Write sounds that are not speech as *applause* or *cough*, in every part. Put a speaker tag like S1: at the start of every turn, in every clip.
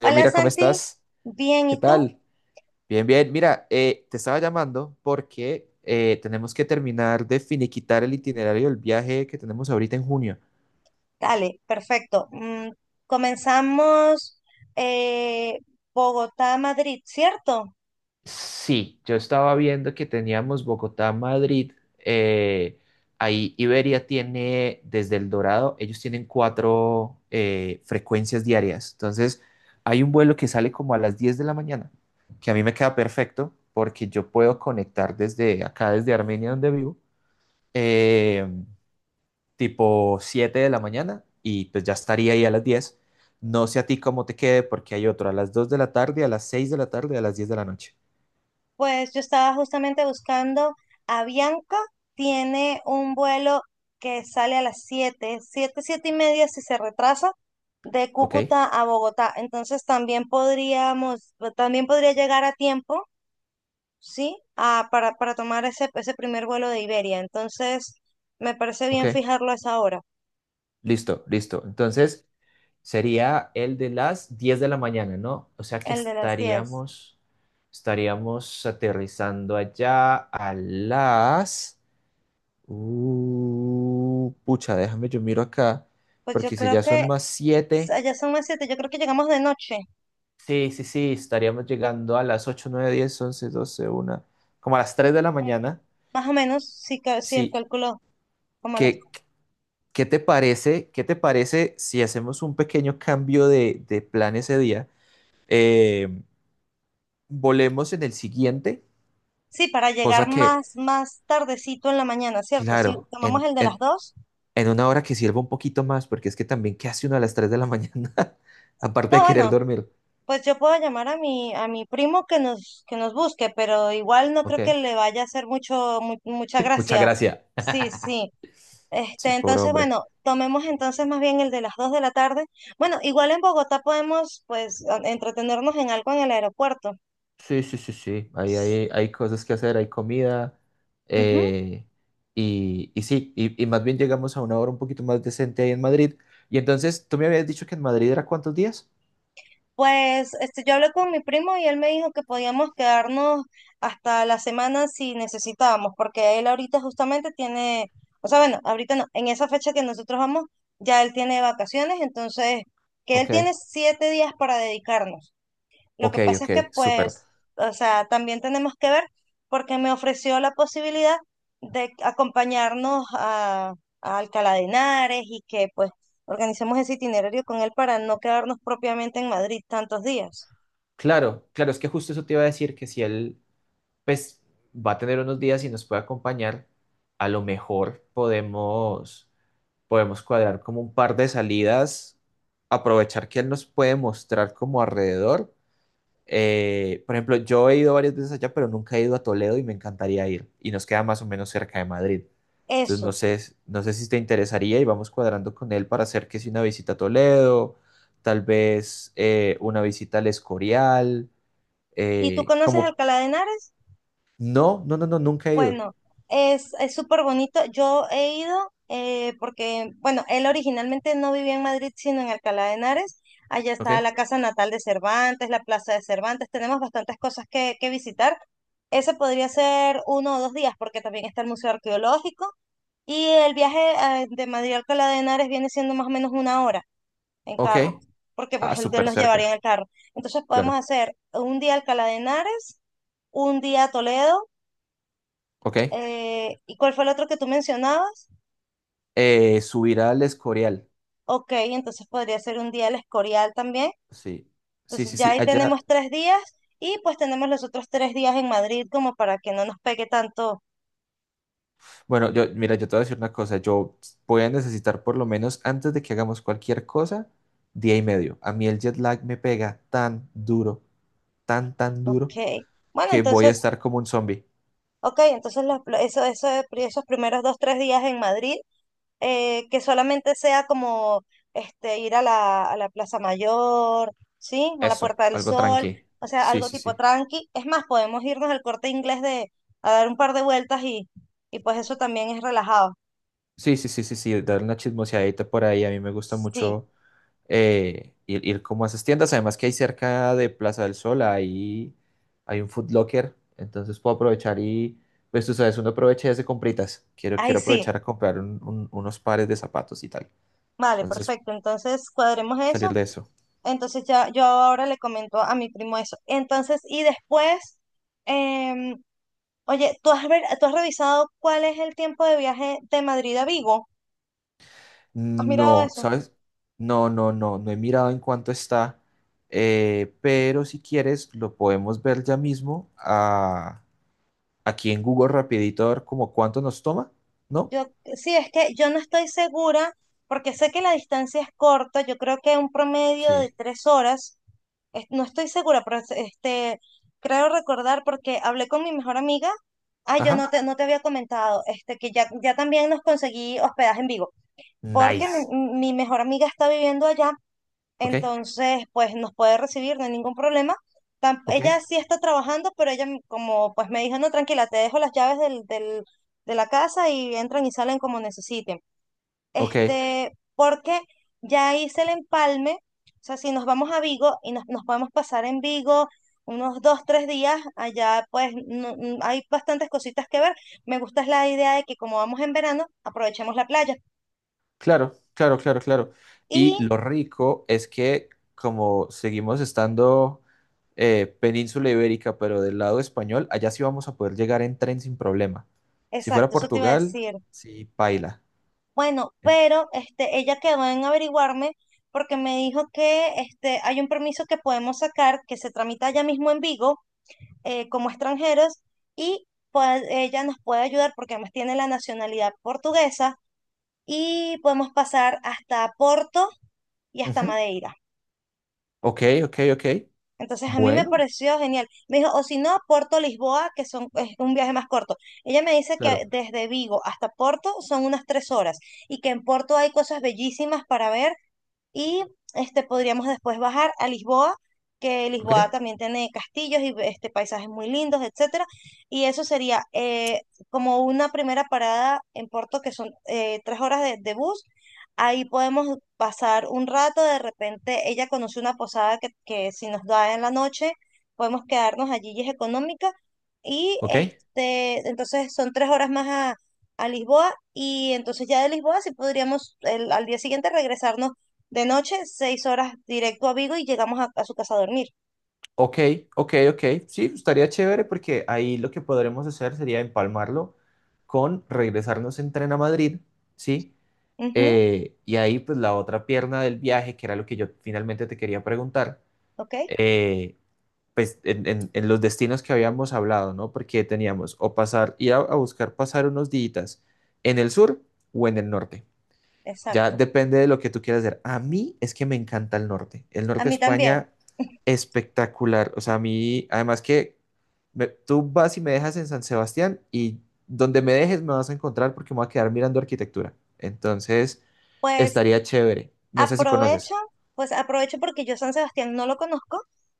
S1: Yo,
S2: Hola
S1: mira, ¿cómo
S2: Santi,
S1: estás?
S2: bien,
S1: ¿Qué
S2: ¿y tú?
S1: tal? Bien, bien. Mira, te estaba llamando porque tenemos que terminar de finiquitar el itinerario del viaje que tenemos ahorita en junio.
S2: Dale, perfecto. Comenzamos eh, Bogotá-Madrid, ¿cierto?
S1: Sí, yo estaba viendo que teníamos Bogotá, Madrid. eh, Ahí Iberia tiene, desde El Dorado, ellos tienen cuatro frecuencias diarias. Entonces, hay un vuelo que sale como a las 10 de la mañana, que a mí me queda perfecto porque yo puedo conectar desde acá, desde Armenia, donde vivo. eh, tipo 7 de la mañana y pues ya estaría ahí a las 10. No sé a ti cómo te quede porque hay otro a las 2 de la tarde, a las 6 de la tarde, a las 10 de la noche.
S2: Pues yo estaba justamente buscando a Bianca, tiene un vuelo que sale a las 7, 7:30 si se retrasa, de
S1: ¿Ok?
S2: Cúcuta a Bogotá. Entonces también podríamos, también podría llegar a tiempo, ¿sí? Ah, para tomar ese primer vuelo de Iberia. Entonces me parece
S1: Ok.
S2: bien fijarlo a esa hora.
S1: Listo, listo. Entonces sería el de las 10 de la mañana, ¿no? O sea que
S2: El de las 10.
S1: estaríamos, estaríamos aterrizando allá a las... pucha, déjame yo miro acá
S2: Pues yo
S1: porque si
S2: creo
S1: ya
S2: que
S1: son más 7.
S2: allá son las 7. Yo creo que llegamos de noche,
S1: Sí, sí, sí, estaríamos llegando a las ocho, nueve, diez, once, doce, una, como a las 3 de la
S2: como
S1: mañana.
S2: más o menos, si el
S1: Sí,
S2: cálculo, como a las...
S1: ¿qué, qué te parece si hacemos un pequeño cambio de plan ese día? Eh, Volemos en el siguiente,
S2: Sí, para llegar
S1: cosa que,
S2: más tardecito en la mañana, ¿cierto? Si
S1: claro,
S2: tomamos el de las 2,
S1: en una hora que sirva un poquito más, porque es que también, ¿qué hace uno a las 3 de la mañana? *laughs* Aparte
S2: no,
S1: de querer
S2: bueno,
S1: dormir.
S2: pues yo puedo llamar a mi primo que nos busque, pero igual no
S1: Ok,
S2: creo que le vaya a hacer mucho, mucha
S1: *laughs* muchas
S2: gracia.
S1: gracias.
S2: Sí, sí.
S1: Sí,
S2: Este,
S1: pobre
S2: entonces,
S1: hombre.
S2: bueno, tomemos entonces más bien el de las 2 de la tarde. Bueno, igual en Bogotá podemos, pues, entretenernos en algo en el aeropuerto.
S1: Sí, sí, sí, sí. Ahí hay cosas que hacer, hay comida.
S2: Ujú.
S1: eh, y sí, y más bien llegamos a una hora un poquito más decente ahí en Madrid. Y entonces, tú me habías dicho que en Madrid era ¿cuántos días?
S2: Pues este, yo hablé con mi primo y él me dijo que podíamos quedarnos hasta la semana si necesitábamos, porque él ahorita justamente tiene, o sea, bueno, ahorita no, en esa fecha que nosotros vamos, ya él tiene vacaciones, entonces que él
S1: Ok,
S2: tiene 7 días para dedicarnos. Lo
S1: ok,
S2: que pasa es
S1: ok,
S2: que,
S1: súper.
S2: pues, o sea, también tenemos que ver porque me ofreció la posibilidad de acompañarnos a Alcalá de Henares y que, pues, organicemos ese itinerario con él para no quedarnos propiamente en Madrid tantos días.
S1: Claro, claro, es que justo eso te iba a decir que si él, pues, va a tener unos días y nos puede acompañar, a lo mejor podemos, podemos cuadrar como un par de salidas, aprovechar que él nos puede mostrar como alrededor. Por ejemplo, yo he ido varias veces allá, pero nunca he ido a Toledo y me encantaría ir. Y nos queda más o menos cerca de Madrid. Entonces, no
S2: Eso.
S1: sé, no sé si te interesaría y vamos cuadrando con él para hacer que si una visita a Toledo, tal vez una visita al Escorial.
S2: ¿Y tú conoces
S1: Como,
S2: Alcalá de Henares?
S1: no, no, no, no, nunca he ido.
S2: Bueno, es súper bonito. Yo he ido porque, bueno, él originalmente no vivía en Madrid, sino en Alcalá de Henares. Allá está
S1: Ok,
S2: la casa natal de Cervantes, la plaza de Cervantes. Tenemos bastantes cosas que visitar. Ese podría ser uno o 2 días porque también está el Museo Arqueológico. Y el viaje de Madrid a Alcalá de Henares viene siendo más o menos una hora en
S1: ok.
S2: carro, porque
S1: Ah,
S2: pues él
S1: súper
S2: nos llevaría
S1: cerca,
S2: en el carro. Entonces podemos
S1: claro.
S2: hacer un día Alcalá de Henares, un día Toledo
S1: Ok.
S2: ¿y cuál fue el otro que tú mencionabas?
S1: Subir al Escorial.
S2: Ok, entonces podría ser un día el Escorial también.
S1: Sí, sí,
S2: Entonces
S1: sí,
S2: ya
S1: sí.
S2: ahí tenemos
S1: Allá,
S2: 3 días y pues tenemos los otros 3 días en Madrid como para que no nos pegue tanto.
S1: bueno, yo, mira, yo te voy a decir una cosa, yo voy a necesitar por lo menos antes de que hagamos cualquier cosa, día y medio. A mí el jet lag me pega tan duro, tan, tan duro,
S2: Ok, bueno,
S1: que voy a
S2: entonces,
S1: estar como un zombie.
S2: ok, entonces eso, esos primeros 2, 3 días en Madrid que solamente sea como este, ir a la Plaza Mayor, ¿sí? A la
S1: Eso,
S2: Puerta del
S1: algo
S2: Sol,
S1: tranqui.
S2: o sea,
S1: Sí,
S2: algo
S1: sí,
S2: tipo
S1: sí.
S2: tranqui. Es más, podemos irnos al Corte Inglés de, a dar un par de vueltas y pues eso también es relajado.
S1: Sí, sí, sí, sí, sí, dar una chismoseadita por ahí. A mí me gusta
S2: Sí,
S1: mucho ir como a esas tiendas. Además que hay cerca de Plaza del Sol, hay un food Locker, entonces puedo aprovechar y, pues tú sabes, uno aprovecha y hace compritas. Quiero,
S2: ahí
S1: quiero
S2: sí.
S1: aprovechar a comprar unos pares de zapatos y tal.
S2: Vale,
S1: Entonces,
S2: perfecto. Entonces cuadremos
S1: salir
S2: eso.
S1: de eso.
S2: Entonces ya yo ahora le comento a mi primo eso. Entonces, y después, em, oye, ¿ tú has revisado cuál es el tiempo de viaje de Madrid a Vigo? ¿Has mirado
S1: No,
S2: eso?
S1: ¿sabes? No, no, no, no he mirado en cuánto está, pero si quieres lo podemos ver ya mismo aquí en Google rapidito a ver como cuánto nos toma, ¿no?
S2: Yo, sí, es que yo no estoy segura, porque sé que la distancia es corta, yo creo que un promedio de
S1: Sí.
S2: 3 horas, no estoy segura, pero este, creo recordar porque hablé con mi mejor amiga, ah, yo
S1: Ajá.
S2: no te había comentado, este, que ya, ya también nos conseguí hospedaje en Vigo, porque
S1: Nice.
S2: mi mejor amiga está viviendo allá,
S1: ¿Ok?
S2: entonces pues nos puede recibir, no hay ningún problema.
S1: Ok,
S2: Ella sí está trabajando, pero ella como pues me dijo, no, tranquila, te dejo las llaves de la casa y entran y salen como necesiten.
S1: ok,
S2: Este, porque ya hice el empalme, o sea, si nos vamos a Vigo y nos podemos pasar en Vigo unos 2, 3 días, allá pues hay bastantes cositas que ver. Me gusta es la idea de que como vamos en verano, aprovechemos la playa.
S1: claro, claro, claro, claro.
S2: Y,
S1: Y lo rico es que como seguimos estando península ibérica, pero del lado español, allá sí vamos a poder llegar en tren sin problema. Si fuera
S2: exacto, eso te iba a
S1: Portugal,
S2: decir.
S1: sí, paila.
S2: Bueno,
S1: En-
S2: pero este, ella quedó en averiguarme porque me dijo que este, hay un permiso que podemos sacar que se tramita allá mismo en Vigo como extranjeros, y pues, ella nos puede ayudar porque además tiene la nacionalidad portuguesa y podemos pasar hasta Porto y hasta
S1: Ujú.
S2: Madeira.
S1: Ok, ok, ok.
S2: Entonces a mí me
S1: Bueno,
S2: pareció genial. Me dijo, o si no, Porto, Lisboa, que son, es un viaje más corto. Ella me dice que
S1: claro.
S2: desde Vigo hasta Porto son unas 3 horas y que en Porto hay cosas bellísimas para ver. Y este, podríamos después bajar a Lisboa, que
S1: Ok,
S2: Lisboa también tiene castillos y este, paisajes muy lindos, etcétera. Y eso sería como una primera parada en Porto, que son 3 horas de bus. Ahí podemos pasar un rato, de repente ella conoce una posada que si nos da en la noche, podemos quedarnos allí y es económica. Y
S1: ok,
S2: este, entonces son 3 horas más a Lisboa y entonces ya de Lisboa sí podríamos al día siguiente regresarnos de noche, 6 horas directo a Vigo y llegamos a su casa a dormir.
S1: ok, ok, ok. Sí, estaría chévere porque ahí lo que podremos hacer sería empalmarlo con regresarnos en tren a Madrid, ¿sí?
S2: Ujú,
S1: Y ahí, pues la otra pierna del viaje, que era lo que yo finalmente te quería preguntar,
S2: ok,
S1: eh, pues en, en los destinos que habíamos hablado, ¿no? Porque teníamos o pasar, ir a buscar pasar unos días en el sur o en el norte. Ya
S2: exacto.
S1: depende de lo que tú quieras hacer. A mí es que me encanta el norte. El
S2: A
S1: norte de
S2: mí también.
S1: España,
S2: *laughs*
S1: espectacular. O sea, a mí, además que tú vas y me dejas en San Sebastián y donde me dejes me vas a encontrar porque me voy a quedar mirando arquitectura. Entonces,
S2: Pues
S1: estaría chévere. No sé si
S2: aprovecho,
S1: conoces.
S2: pues aprovecho porque yo San Sebastián no lo conozco,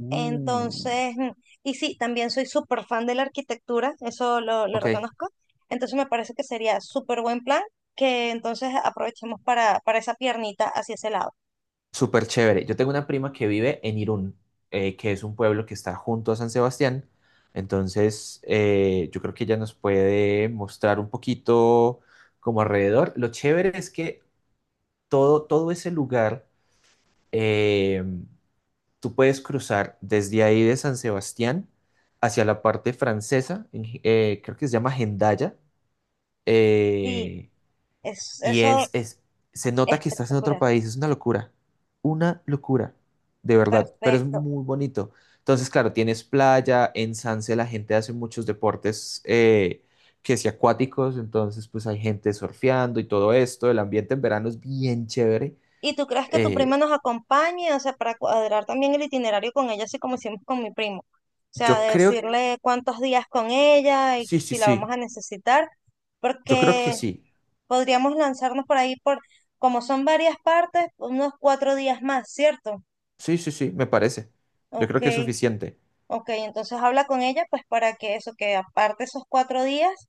S1: Mm.
S2: entonces, y sí, también soy súper fan de la arquitectura, eso lo
S1: Ok.
S2: reconozco, entonces me parece que sería súper buen plan que entonces aprovechemos para esa piernita hacia ese lado.
S1: Súper chévere. Yo tengo una prima que vive en Irún, que es un pueblo que está junto a San Sebastián. Entonces, yo creo que ella nos puede mostrar un poquito como alrededor. Lo chévere es que todo, todo ese lugar, eh, tú puedes cruzar desde ahí de San Sebastián hacia la parte francesa, creo que se llama Hendaya.
S2: Sí,
S1: eh, y
S2: eso
S1: se
S2: es
S1: nota que estás en otro
S2: espectacular.
S1: país, es una locura, de verdad, pero es
S2: Perfecto.
S1: muy bonito. Entonces, claro, tienes playa, en Sanse la gente hace muchos deportes que si acuáticos, entonces pues hay gente surfeando y todo esto, el ambiente en verano es bien chévere.
S2: ¿Y tú crees que tu prima
S1: Eh,
S2: nos acompañe? O sea, para cuadrar también el itinerario con ella, así como hicimos con mi primo. O sea,
S1: yo creo,
S2: decirle cuántos días con ella y
S1: sí, sí,
S2: si la vamos
S1: sí,
S2: a necesitar,
S1: yo creo que
S2: porque
S1: sí,
S2: podríamos lanzarnos por ahí por, como son varias partes, unos 4 días más, ¿cierto?
S1: sí, sí, sí, me parece. Yo
S2: Ok,
S1: creo que es suficiente.
S2: ok. Entonces habla con ella, pues para que eso, que aparte esos 4 días.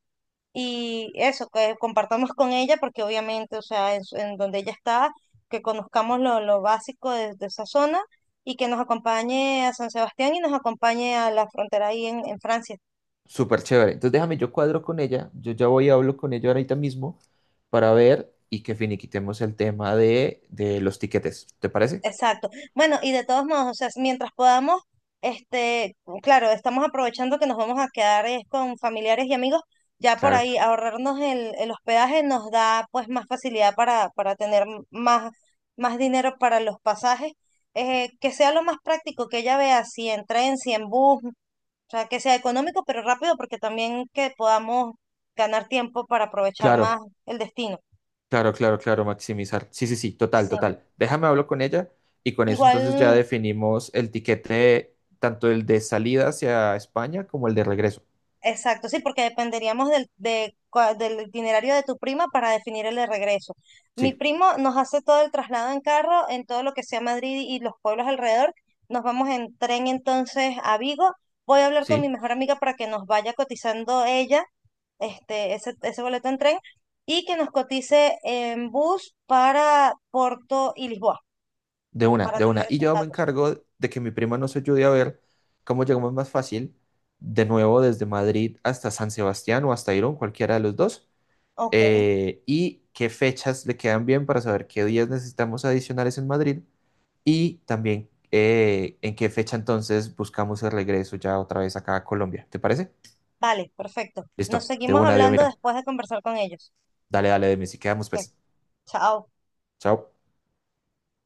S2: Y eso, que compartamos con ella, porque obviamente, o sea, en, en donde ella está, que conozcamos lo básico de esa zona y que nos acompañe a San Sebastián y nos acompañe a la frontera ahí en Francia.
S1: Súper chévere. Entonces déjame, yo cuadro con ella, yo ya voy y hablo con ella ahorita mismo para ver y que finiquitemos el tema de los tiquetes. ¿Te parece?
S2: Exacto. Bueno, y de todos modos, o sea, mientras podamos, este, claro, estamos aprovechando que nos vamos a quedar es con familiares y amigos, ya por
S1: Claro,
S2: ahí ahorrarnos el hospedaje nos da pues más facilidad para tener más, más dinero para los pasajes, que sea lo más práctico, que ella vea si en tren, si en bus, o sea, que sea económico pero rápido, porque también que podamos ganar tiempo para aprovechar más
S1: claro,
S2: el destino.
S1: claro, claro, claro, maximizar. Sí, sí, sí, total,
S2: Sí.
S1: total. Déjame hablo con ella y con eso entonces ya
S2: Igual.
S1: definimos el tiquete, tanto el de salida hacia España como el de regreso.
S2: Exacto, sí, porque dependeríamos del itinerario de tu prima para definir el de regreso. Mi
S1: Sí,
S2: primo nos hace todo el traslado en carro, en todo lo que sea Madrid y los pueblos alrededor. Nos vamos en tren entonces a Vigo. Voy a hablar con mi
S1: sí.
S2: mejor amiga para que nos vaya cotizando ella este, ese boleto en tren y que nos cotice en bus para Porto y Lisboa,
S1: De una,
S2: para
S1: de una.
S2: tener
S1: Y
S2: esos
S1: yo me
S2: datos.
S1: encargo de que mi prima nos ayude a ver cómo llegamos más fácil, de nuevo desde Madrid hasta San Sebastián o hasta Irún, cualquiera de los dos,
S2: Ok,
S1: y qué fechas le quedan bien para saber qué días necesitamos adicionales en Madrid y también en qué fecha entonces buscamos el regreso ya otra vez acá a Colombia. ¿Te parece?
S2: vale, perfecto. Nos
S1: Listo, de
S2: seguimos
S1: una, Dios,
S2: hablando
S1: mira.
S2: después de conversar con ellos.
S1: Dale, dale, de mí, si quedamos
S2: Ok,
S1: pues.
S2: chao.
S1: Chao.